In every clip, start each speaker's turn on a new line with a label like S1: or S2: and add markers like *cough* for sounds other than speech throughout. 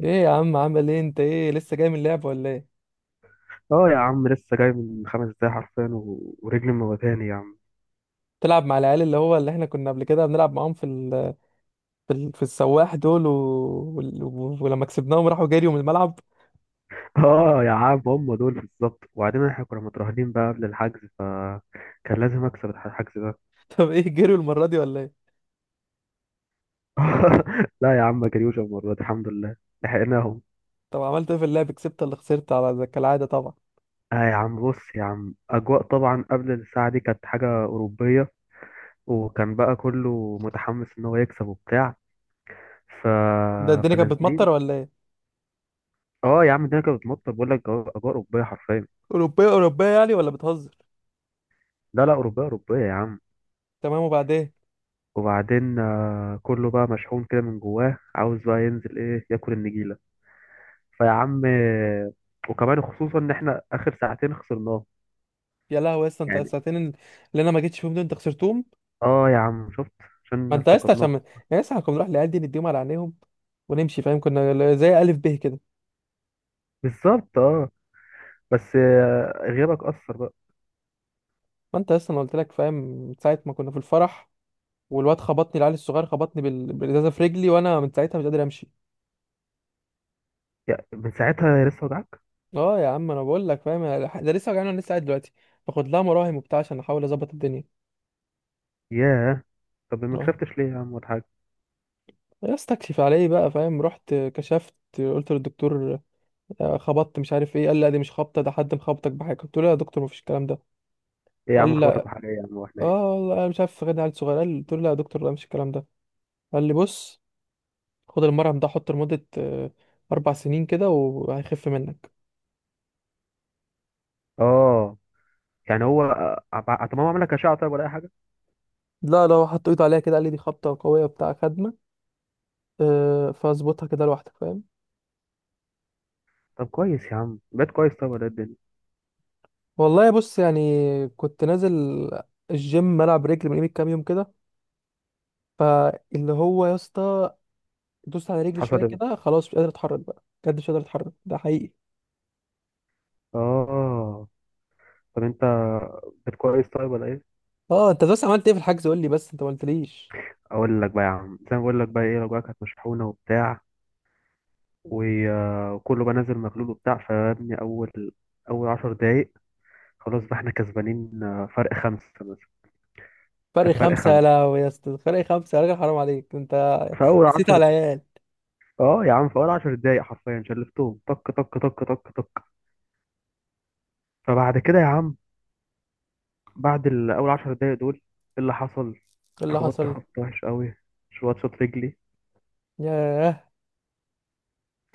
S1: ايه يا عم، عامل ايه؟ انت ايه، لسه جاي من اللعب ولا ايه؟
S2: اه يا عم لسه جاي من خمس دقايق حرفيا ورجلي موتاني يا عم.
S1: تلعب مع العيال اللي هو اللي احنا كنا قبل كده بنلعب معاهم في السواح دول ولما كسبناهم راحوا جريوا من الملعب.
S2: *laughs* اه يا عم هم دول بالظبط، وبعدين احنا كنا مترهنين بقى قبل الحجز، فكان لازم اكسب الحجز ده.
S1: *laughs* طب ايه، جريوا المرة دي ولا ايه؟
S2: *laughs* لا يا عم ما جريوش المره دي الحمد لله. لحقناهم.
S1: طب عملت ايه في اللعب، كسبت ولا خسرت على زي كالعادة طبعا؟
S2: اه يا عم بص يا عم، اجواء طبعا قبل الساعه دي كانت حاجه اوروبيه، وكان بقى كله متحمس ان هو يكسب وبتاع. ف...
S1: ده الدنيا كانت بتمطر
S2: فنازلين.
S1: ولا ايه؟
S2: اه يا عم الدنيا كانت بتمطر، بقول لك اجواء اوروبيه حرفيا.
S1: اوروبية اوروبية يعني ولا بتهزر؟
S2: لا لا اوروبيه اوروبيه يا عم.
S1: تمام، وبعدين؟
S2: وبعدين كله بقى مشحون كده من جواه، عاوز بقى ينزل ايه ياكل النجيله. فيا عم. وكمان خصوصا ان احنا اخر ساعتين خسرناه.
S1: يا لهوي يا اسطى، انت
S2: يعني.
S1: الساعتين اللي انا ما جيتش فيهم دول انت خسرتهم؟
S2: اه يا عم شفت،
S1: ما
S2: عشان
S1: انت يا اسطى
S2: افتقدناك.
S1: عشان، يا اسطى احنا كنا نروح العيال دي نديهم على عينيهم ونمشي فاهم، كنا زي الف ب كده.
S2: بالظبط اه. بس غيابك اثر بقى.
S1: ما انت لسه، انا قلت لك فاهم من ساعه ما كنا في الفرح والواد خبطني، العيل الصغير خبطني بالازازه في رجلي وانا من ساعتها مش قادر امشي.
S2: يا من ساعتها لسه وجعك؟
S1: اه يا عم انا بقول لك فاهم، ده لسه وجعني وانا لسه قاعد دلوقتي باخد لها مراهم وبتاع عشان احاول اظبط الدنيا.
S2: ياه. طب ما
S1: اه،
S2: كشفتش ليه يا عم ولا حاجه؟
S1: يا استكشف على ايه بقى فاهم، رحت كشفت قلت للدكتور خبطت مش عارف ايه، قال لا دي مش خبطه، ده حد مخبطك بحاجه، قلت له لا يا دكتور مفيش الكلام ده.
S2: ايه يا
S1: قال
S2: عم
S1: لي
S2: خبطك
S1: لا.
S2: بحاجه؟ ايه يا عم واحنا ايه؟
S1: اه والله انا مش عارف غير عيل صغير، قال، قلت له لا يا دكتور لا مش الكلام ده. قال لي بص، خد المرهم ده حطه لمده 4 سنين كده وهيخف منك.
S2: اه. يعني هو طب هو عمل لك اشعه طيب ولا اي حاجه؟
S1: لا، لو حط ايده عليها كده قال لي دي خبطة قوية بتاع خدمة. أه، فاظبطها كده لوحدك فاهم.
S2: طب كويس يا عم، بقيت كويس طيب ولا إيه الدنيا؟
S1: والله بص يعني، كنت نازل الجيم العب رجل من قيمة كام يوم كده، فاللي هو يا اسطى دوست على رجلي شوية
S2: حصل ايه؟
S1: كده خلاص مش قادر اتحرك بقى، بجد مش قادر اتحرك، ده حقيقي.
S2: اه. طب انت. كانت كويس طيب ولا ايه؟
S1: اه انت بس عملت ايه في الحجز؟ قول لي بس، انت ما قلتليش.
S2: اقول لك بقى يا عم زي ما بقول لك بقى ايه، الأوجاع كانت مشحونه وبتاع، و- وكله بقى نازل مغلول وبتاع، فيا ابني اول 10 دقايق، خلاص بقى احنا كسبانين فرق خمسه مثلا.
S1: فرق
S2: كانت فرق
S1: خمسة يا
S2: خمسه
S1: لهوي يا اسطى، فرق 5؟ يا راجل حرام عليك انت،
S2: في اول
S1: نسيت
S2: 10.
S1: على العيال.
S2: اه يا عم في اول 10 دقايق حرفيا شلفتهم طك طك طك طك طك. فبعد كده يا عم، بعد الاول 10 دقايق دول ايه اللي حصل؟
S1: ايه اللي
S2: اتخبطت
S1: حصل؟
S2: خبط وحش قوي. شوط شوط رجلي.
S1: ياه،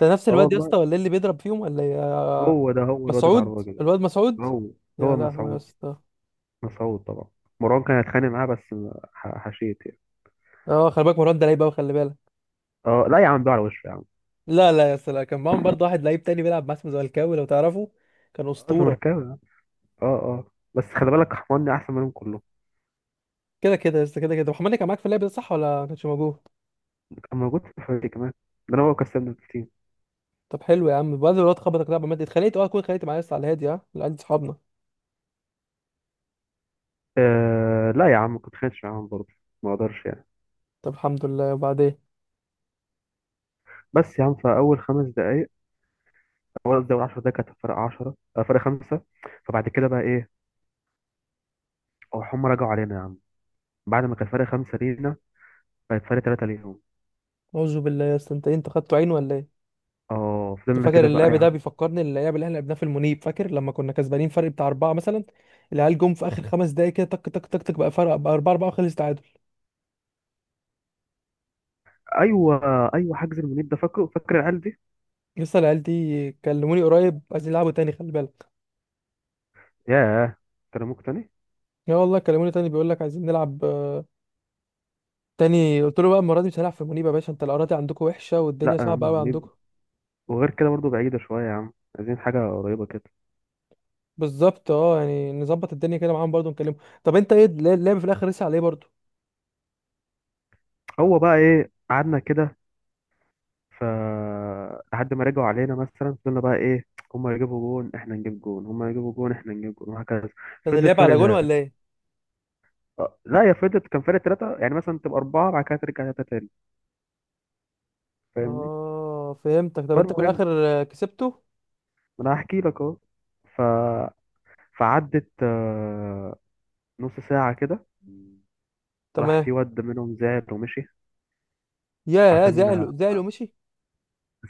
S1: ده نفس
S2: اه
S1: الواد يا
S2: والله.
S1: اسطى ولا إيه اللي بيضرب فيهم ولا إيه؟
S2: هو ده هو الواد
S1: مسعود؟
S2: العراجي ده.
S1: الواد مسعود؟
S2: هو
S1: يا
S2: هو
S1: لهوي يا
S2: مسعود.
S1: اسطى.
S2: مسعود طبعا. مروان كان هيتخانق معاه، بس حشيت يعني.
S1: اه خلي بالك مروان ده لعيب قوي، خلي بالك.
S2: اه لا يا عم بيقع على وشه يا عم.
S1: لا لا يا اسطى، لا كان معاهم برضه واحد لعيب تاني بيلعب مع، اسمه زملكاوي لو تعرفه، كان
S2: اه
S1: اسطوره.
S2: زمركاوي يا عم. اه اه بس خلي بالك حماني احسن منهم كلهم.
S1: كده كده يا اسطى، كده كده محمد كان معاك في اللعب ده صح ولا ما كانش موجود؟
S2: كان موجود في الفريق كمان. ده انا هو كسبنا التيم.
S1: طب حلو يا عم، بعد الواد خبطك لعبه مادي اتخانقت، اه كنت اتخانقت معايا يا اسطى على الهادي، ها اللي عندي صحابنا.
S2: آه لا يا عم كنت خانش معاهم برضه، ما اقدرش يعني.
S1: طب الحمد لله، وبعدين؟
S2: بس يا عم فاول خمس دقائق، اول قصدي اول 10 دقائق كانت فرق 10 فرق خمسه. فبعد كده بقى ايه، هم رجعوا علينا يا عم. بعد ما كان فرق خمسه لينا، بقت فرق ثلاثه ليهم.
S1: اعوذ بالله يا اسطى، انت إيه؟ انت خدته عين ولا ايه؟
S2: اه
S1: أنا
S2: فضلنا
S1: فاكر
S2: كده بقى
S1: اللعب
S2: يا
S1: ده
S2: عم.
S1: بيفكرني اللعب اللي احنا لعبناه في المنيب، فاكر لما كنا كسبانين فرق بتاع 4 مثلا، العيال جم في اخر 5 دقايق كده تك تك تك تك، بقى فرق بقى 4-4 وخلص.
S2: ايوه. ايوه، حجز المنيب ده فاكره، فاكر العيال دي.
S1: لسه العيال دي كلموني قريب عايزين يلعبوا تاني، خلي بالك.
S2: ياه. ترموك تاني.
S1: يا والله كلموني تاني، بيقول لك عايزين نلعب تاني، قلت له بقى المره دي مش هنلعب في منيبه يا باشا، انت الاراضي عندكم وحشه
S2: لا
S1: والدنيا
S2: يا عم
S1: صعبه قوي
S2: المنيب.
S1: عندكم.
S2: وغير كده برضو بعيدة شوية يا عم، عايزين حاجة قريبة كده.
S1: بالظبط اه، يعني نظبط الدنيا كده معاهم برضه نكلمهم. طب انت ايه اللعب في الاخر لسه على ايه برضه؟
S2: هو بقى ايه قعدنا كده. ف لحد ما رجعوا علينا مثلا، فضلنا بقى ايه، هما يجيبوا جون احنا نجيب جون، هما يجيبوا جون احنا نجيب جون وهكذا.
S1: كان
S2: فضلت
S1: اللعب
S2: فرق
S1: على جون ولا
S2: ثلاثة.
S1: ايه؟
S2: لا يا فضلت، كان فرق ثلاثة يعني، مثلا تبقى أربعة بعد كده ترجع ثلاثة تاني. فاهمني.
S1: اه فهمتك، طب انت في
S2: فالمهم.
S1: الاخر كسبته؟
S2: ما أنا هحكي لك أهو. ف فعدت نص ساعة كده. راح
S1: تمام.
S2: في واد منهم زعل ومشي.
S1: يا
S2: عشان.
S1: زعلوا، زعلوا مشي؟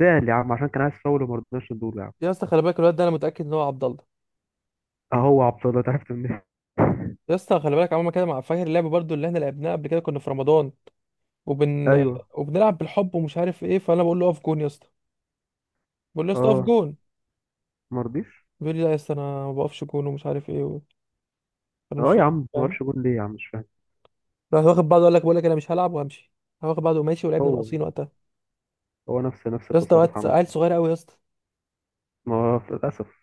S2: زعل يا عم عشان كان عايز فاول وما رضناش ندوله يا عم.
S1: يا اسطى خلي بالك الواد ده انا متاكد ان هو عبد الله.
S2: اهو عبد الله، تعرفت منين؟ *laughs*
S1: يا اسطى خلي بالك عمال كده مع، فاكر اللعب برضه اللي احنا لعبناه قبل كده كنا في رمضان وبن
S2: ايوه.
S1: وبنلعب بالحب ومش عارف ايه، فانا بقول له اقف جون يا اسطى، بقول له يا اسطى اقف
S2: اه
S1: جون.
S2: ما رضيش.
S1: بيقول لي لا يا اسطى، انا ما بقفش جون ومش عارف ايه انا مش
S2: اه يا
S1: فاهم
S2: عم ما
S1: فاهم.
S2: وقفش جون ليه يا عم، مش فاهم.
S1: راح واخد بعضه، قال لك، بقول لك انا مش هلعب وهمشي، راح واخد بعضه وماشي ولعبنا
S2: هو.
S1: ناقصين وقتها.
S2: هو نفس
S1: يا اسطى،
S2: التصرف
S1: وقت
S2: عمل
S1: عيل
S2: معاه.
S1: صغير قوي يا اسطى.
S2: ما هو للاسف.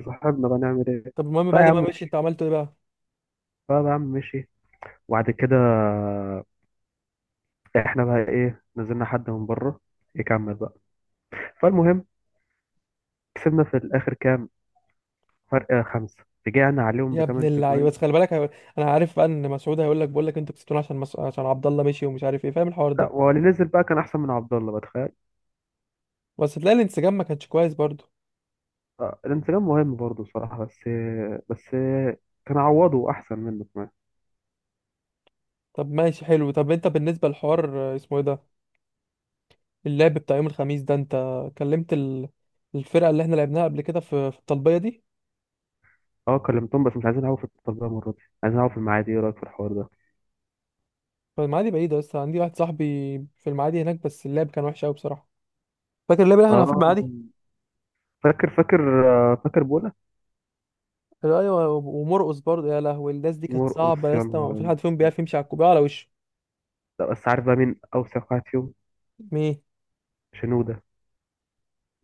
S2: بس صاحبنا بقى نعمل ايه؟
S1: طب المهم
S2: طيب يا
S1: بعد
S2: عم
S1: ما مشي انت
S2: مشي.
S1: عملته ايه بقى؟
S2: طيب يا عم مشي. وبعد كده احنا بقى ايه نزلنا حد من بره يكمل بقى. فالمهم كسبنا في الاخر كام، فرق خمسة رجعنا عليهم
S1: يا ابن
S2: بثمان
S1: اللعيبه،
S2: تجوان.
S1: بس خلي بالك انا عارف بقى ان مسعود هيقول لك، بقول لك انتوا كسبتونا عشان عشان عبد الله مشي ومش عارف ايه، فاهم الحوار
S2: لا
S1: ده.
S2: واللي نزل بقى كان احسن من عبد الله بتخيل.
S1: بس تلاقي الانسجام ما كانش كويس برضه.
S2: الانسجام مهم برضه الصراحة، بس كان عوضه أحسن منه كمان.
S1: طب ماشي حلو، طب انت بالنسبه للحوار اسمه ايه ده، اللعب بتاع يوم الخميس ده، انت كلمت الفرقة اللي احنا لعبناها قبل كده في في الطلبية دي؟
S2: اه كلمتهم، بس مش عايزين نعوض في التربية المرة دي، عايزين نعوض في المعادي، ايه رأيك في الحوار ده؟
S1: فالمعادي بعيدة، بس عندي واحد صاحبي في المعادي هناك، بس اللعب كان وحش قوي بصراحة. فاكر اللعب اللي احنا كنا في
S2: اه
S1: المعادي؟
S2: فاكر فاكر بولا.
S1: ايوه، ومرقص برضه، يا لهوي الناس دي كانت
S2: مرقص
S1: صعبة يا
S2: يا
S1: اسطى، ما
S2: نهار
S1: في
S2: أسود.
S1: حد فيهم بيعرف يمشي على الكوباية على وشه.
S2: لا بس عارف بقى مين أوسخ واحد فيهم؟
S1: مين؟
S2: شنودة.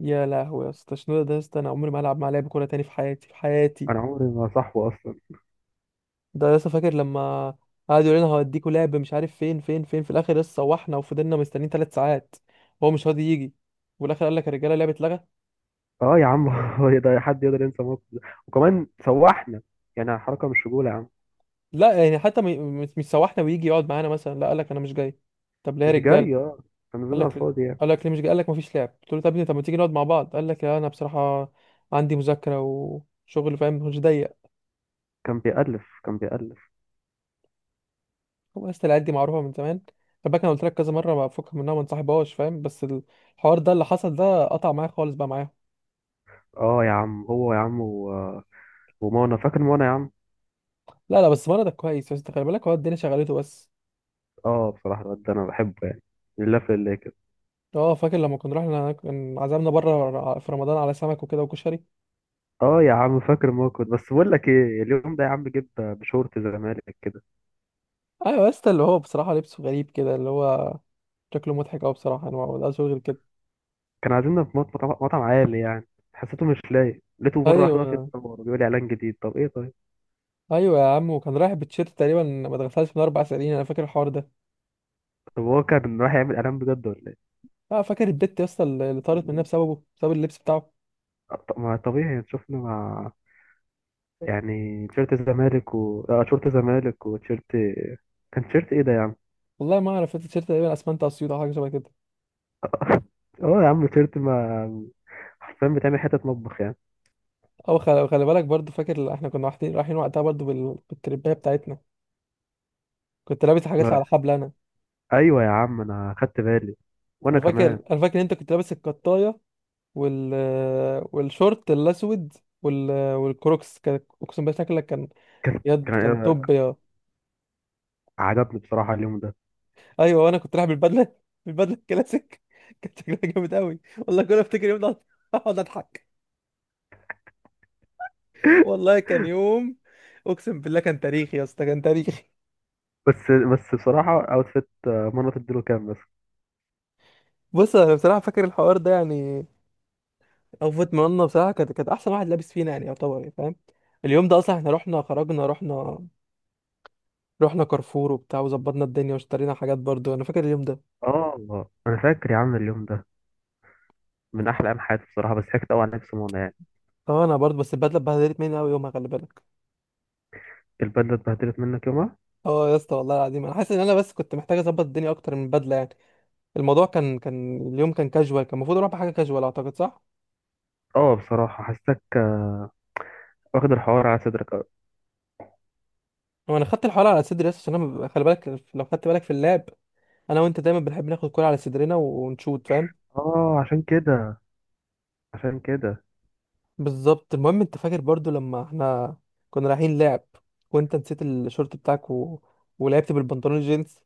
S1: يا لهوي يا اسطى، شنو ده يا اسطى، انا عمري ما هلعب مع لعب كورة تاني في حياتي في حياتي.
S2: أنا عمري ما صاحبه أصلا.
S1: ده يا اسطى فاكر لما قعد يقول لنا هوديكوا لعب مش عارف فين فين فين، في الاخر لسه روحنا وفضلنا مستنيين 3 ساعات وهو مش راضي يجي، وفي الاخر قال لك يا رجاله اللعبه اتلغت.
S2: اه يا عم *laughs* هو ده حد يقدر ينسى الموقف ده؟ وكمان سوحنا، يعني حركة مش رجولة يا عم.
S1: لا يعني حتى مش سوحنا ويجي يقعد معانا مثلا، لا قال لك انا مش جاي، طب ليه يا
S2: مش
S1: رجاله؟
S2: جاي اه. كان
S1: قال
S2: نزلنا على
S1: لك،
S2: الفاضي يعني.
S1: قال لك ليه مش جاي، قال لك ما فيش لعب، قلت له طب يا ابني طب ما تيجي نقعد مع بعض، قال لك لا انا بصراحه عندي مذاكره وشغل فاهم، مش ضيق.
S2: كان بيألف.
S1: هو اصل العيال دي معروفه من زمان، خلي بالك انا قلت لك كذا مره، ما بفك منها ما انصاحبهاش فاهم، بس الحوار ده اللي حصل ده قطع معايا خالص بقى معاهم.
S2: اه يا عم هو يا عم. ومانا فاكر مانا يا عم.
S1: لا لا بس مرضك كويس، بس انت خلي بالك هو الدنيا شغلته بس.
S2: اه بصراحة الواد ده انا بحبه يعني، لله في الله كده.
S1: اه فاكر لما كنا رحنا، كان عزمنا بره في رمضان على سمك وكده وكشري.
S2: اه يا عم فاكر، ما كنت بس بقول لك ايه، اليوم ده يا عم جيب بشورت زمالك كده.
S1: ايوه يا اسطى اللي هو بصراحه لبسه غريب كده، اللي هو شكله مضحك أوي بصراحة، أنا ما بقدرش غير كده.
S2: كان عايزيننا في مطعم عالي يعني. حسيته مش لايق. لقيته مرة واحدة واقف
S1: أيوه،
S2: يتصور بيقول لي اعلان جديد، طب ايه طيب.
S1: أيوه يا عم، وكان رايح بتشيرت تقريبا ما دخلتهاش من 4 سنين، أنا فاكر الحوار ده.
S2: طب هو كان رايح يعمل اعلان بجد ولا ايه؟
S1: أه فاكر البت يا اسطى اللي، اللي طارت منها بسببه، بسبب اللبس بتاعه.
S2: طب ما طبيعي يعني. شفنا مع، يعني تيشيرت الزمالك و تيشيرت الزمالك وتيشيرت، كان تيشيرت ايه ده يا عم؟
S1: والله ما أعرف، التيشيرت تقريبا أسمنت أسيوط أو حاجة شبه كده.
S2: *laughs* اه يا عم تيشيرت ما. حرفيا بتعمل حتة مطبخ
S1: أو خلي بالك برضه، فاكر إحنا كنا رايحين وقتها برضه بالترباية بتاعتنا، كنت لابس حاجات اللي على
S2: يعني.
S1: حبل أنا.
S2: ايوه يا عم انا خدت بالي، وانا كمان.
S1: أنا فاكر إن أنت كنت لابس القطاية وال والشورت الأسود والكروكس، كان أقسم بالله شكلك كان،
S2: كان
S1: يد، كان
S2: كان
S1: توب.
S2: عجبني بصراحه اليوم ده.
S1: ايوه وانا كنت رايح بالبدله، بالبدله الكلاسيك *laughs* كانت شكلها جامد قوي والله، كل ما افتكر يوم ده اقعد اضحك.
S2: *laughs*
S1: والله كان يوم، اقسم بالله كان تاريخي يا اسطى كان تاريخي.
S2: بس بصراحه اوتفيت منى تديله كام بس.
S1: بص انا بصراحه فاكر الحوار ده يعني، اوفت منا بصراحه، كانت احسن واحد لابس فينا يعني، يعتبر يعني فاهم. اليوم ده اصلا احنا رحنا، خرجنا رحنا كارفور وبتاع وظبطنا الدنيا واشترينا حاجات، برضو انا فاكر اليوم ده.
S2: اه انا فاكر يا عم اليوم ده من احلى ايام حياتي بصراحه، بس ضحكت قوي على نفسي منى يعني.
S1: اه انا برضو، بس البدله اتبهدلت مني قوي يومها، خلي بالك.
S2: البدله اتبهدلت منك يومها.
S1: اه يا اسطى والله العظيم انا حاسس ان انا بس كنت محتاج اظبط الدنيا اكتر من البدله يعني، الموضوع كان اليوم كان كاجوال، كان المفروض اروح بحاجه كاجوال اعتقد، صح.
S2: اه بصراحه حسيتك واخد الحوار على صدرك أوي.
S1: وانا خدت الحوار على صدري بس عشان انا خلي بالك لو خدت بالك في اللاب، انا وانت دايما بنحب ناخد كوره على صدرنا ونشوت فاهم.
S2: اه عشان كده.
S1: بالظبط، المهم انت فاكر برضو لما احنا كنا رايحين لعب وانت نسيت الشورت بتاعك ولعبت بالبنطلون الجينز.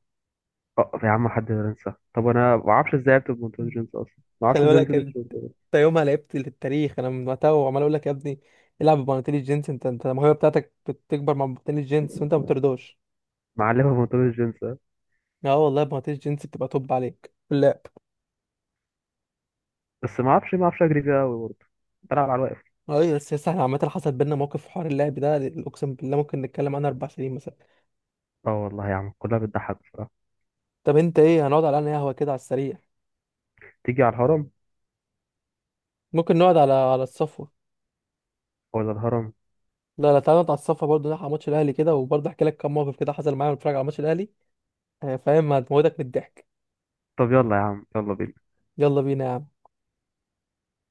S2: اه يا عم حد ينسى؟ طب انا ما اعرفش ازاي عرفت بمنتوج جينز اصلا. ما اعرفش
S1: خلي
S2: ازاي
S1: بالك
S2: نسيت
S1: انت
S2: الشورت ده.
S1: يومها لعبت للتاريخ، انا من وقتها وعمال اقول لك يا ابني العب ببناطيل الجينز، انت الموهبه بتاعتك بتكبر مع بناطيل الجينز وانت ما بترضاش.
S2: معلمه بمنتوج جينز.
S1: اه والله بناطيل الجينز بتبقى توب عليك لا.
S2: بس ما اعرفش اجري فيها قوي برضه. بلعب على الواقف.
S1: ايوه، بس بس احنا عامة حصل بينا موقف في حوار اللعب ده، اقسم بالله ممكن نتكلم عنه 4 سنين مثلا.
S2: اه والله يا عم كلها بتضحك بصراحه.
S1: طب انت ايه، هنقعد على انهي قهوة كده على السريع؟
S2: تيجي على الهرم
S1: ممكن نقعد على، على الصفوة.
S2: ولا الهرم؟
S1: لا لا، تعالى نقعد على الصفوة برضه، نلحق ماتش الاهلي كده، وبرضه احكي لك كام موقف كده حصل معايا وانا بتفرج على ماتش الاهلي فاهم، هتموتك من الضحك.
S2: طب يلا يا عم يلا بينا.
S1: يلا بينا يا عم.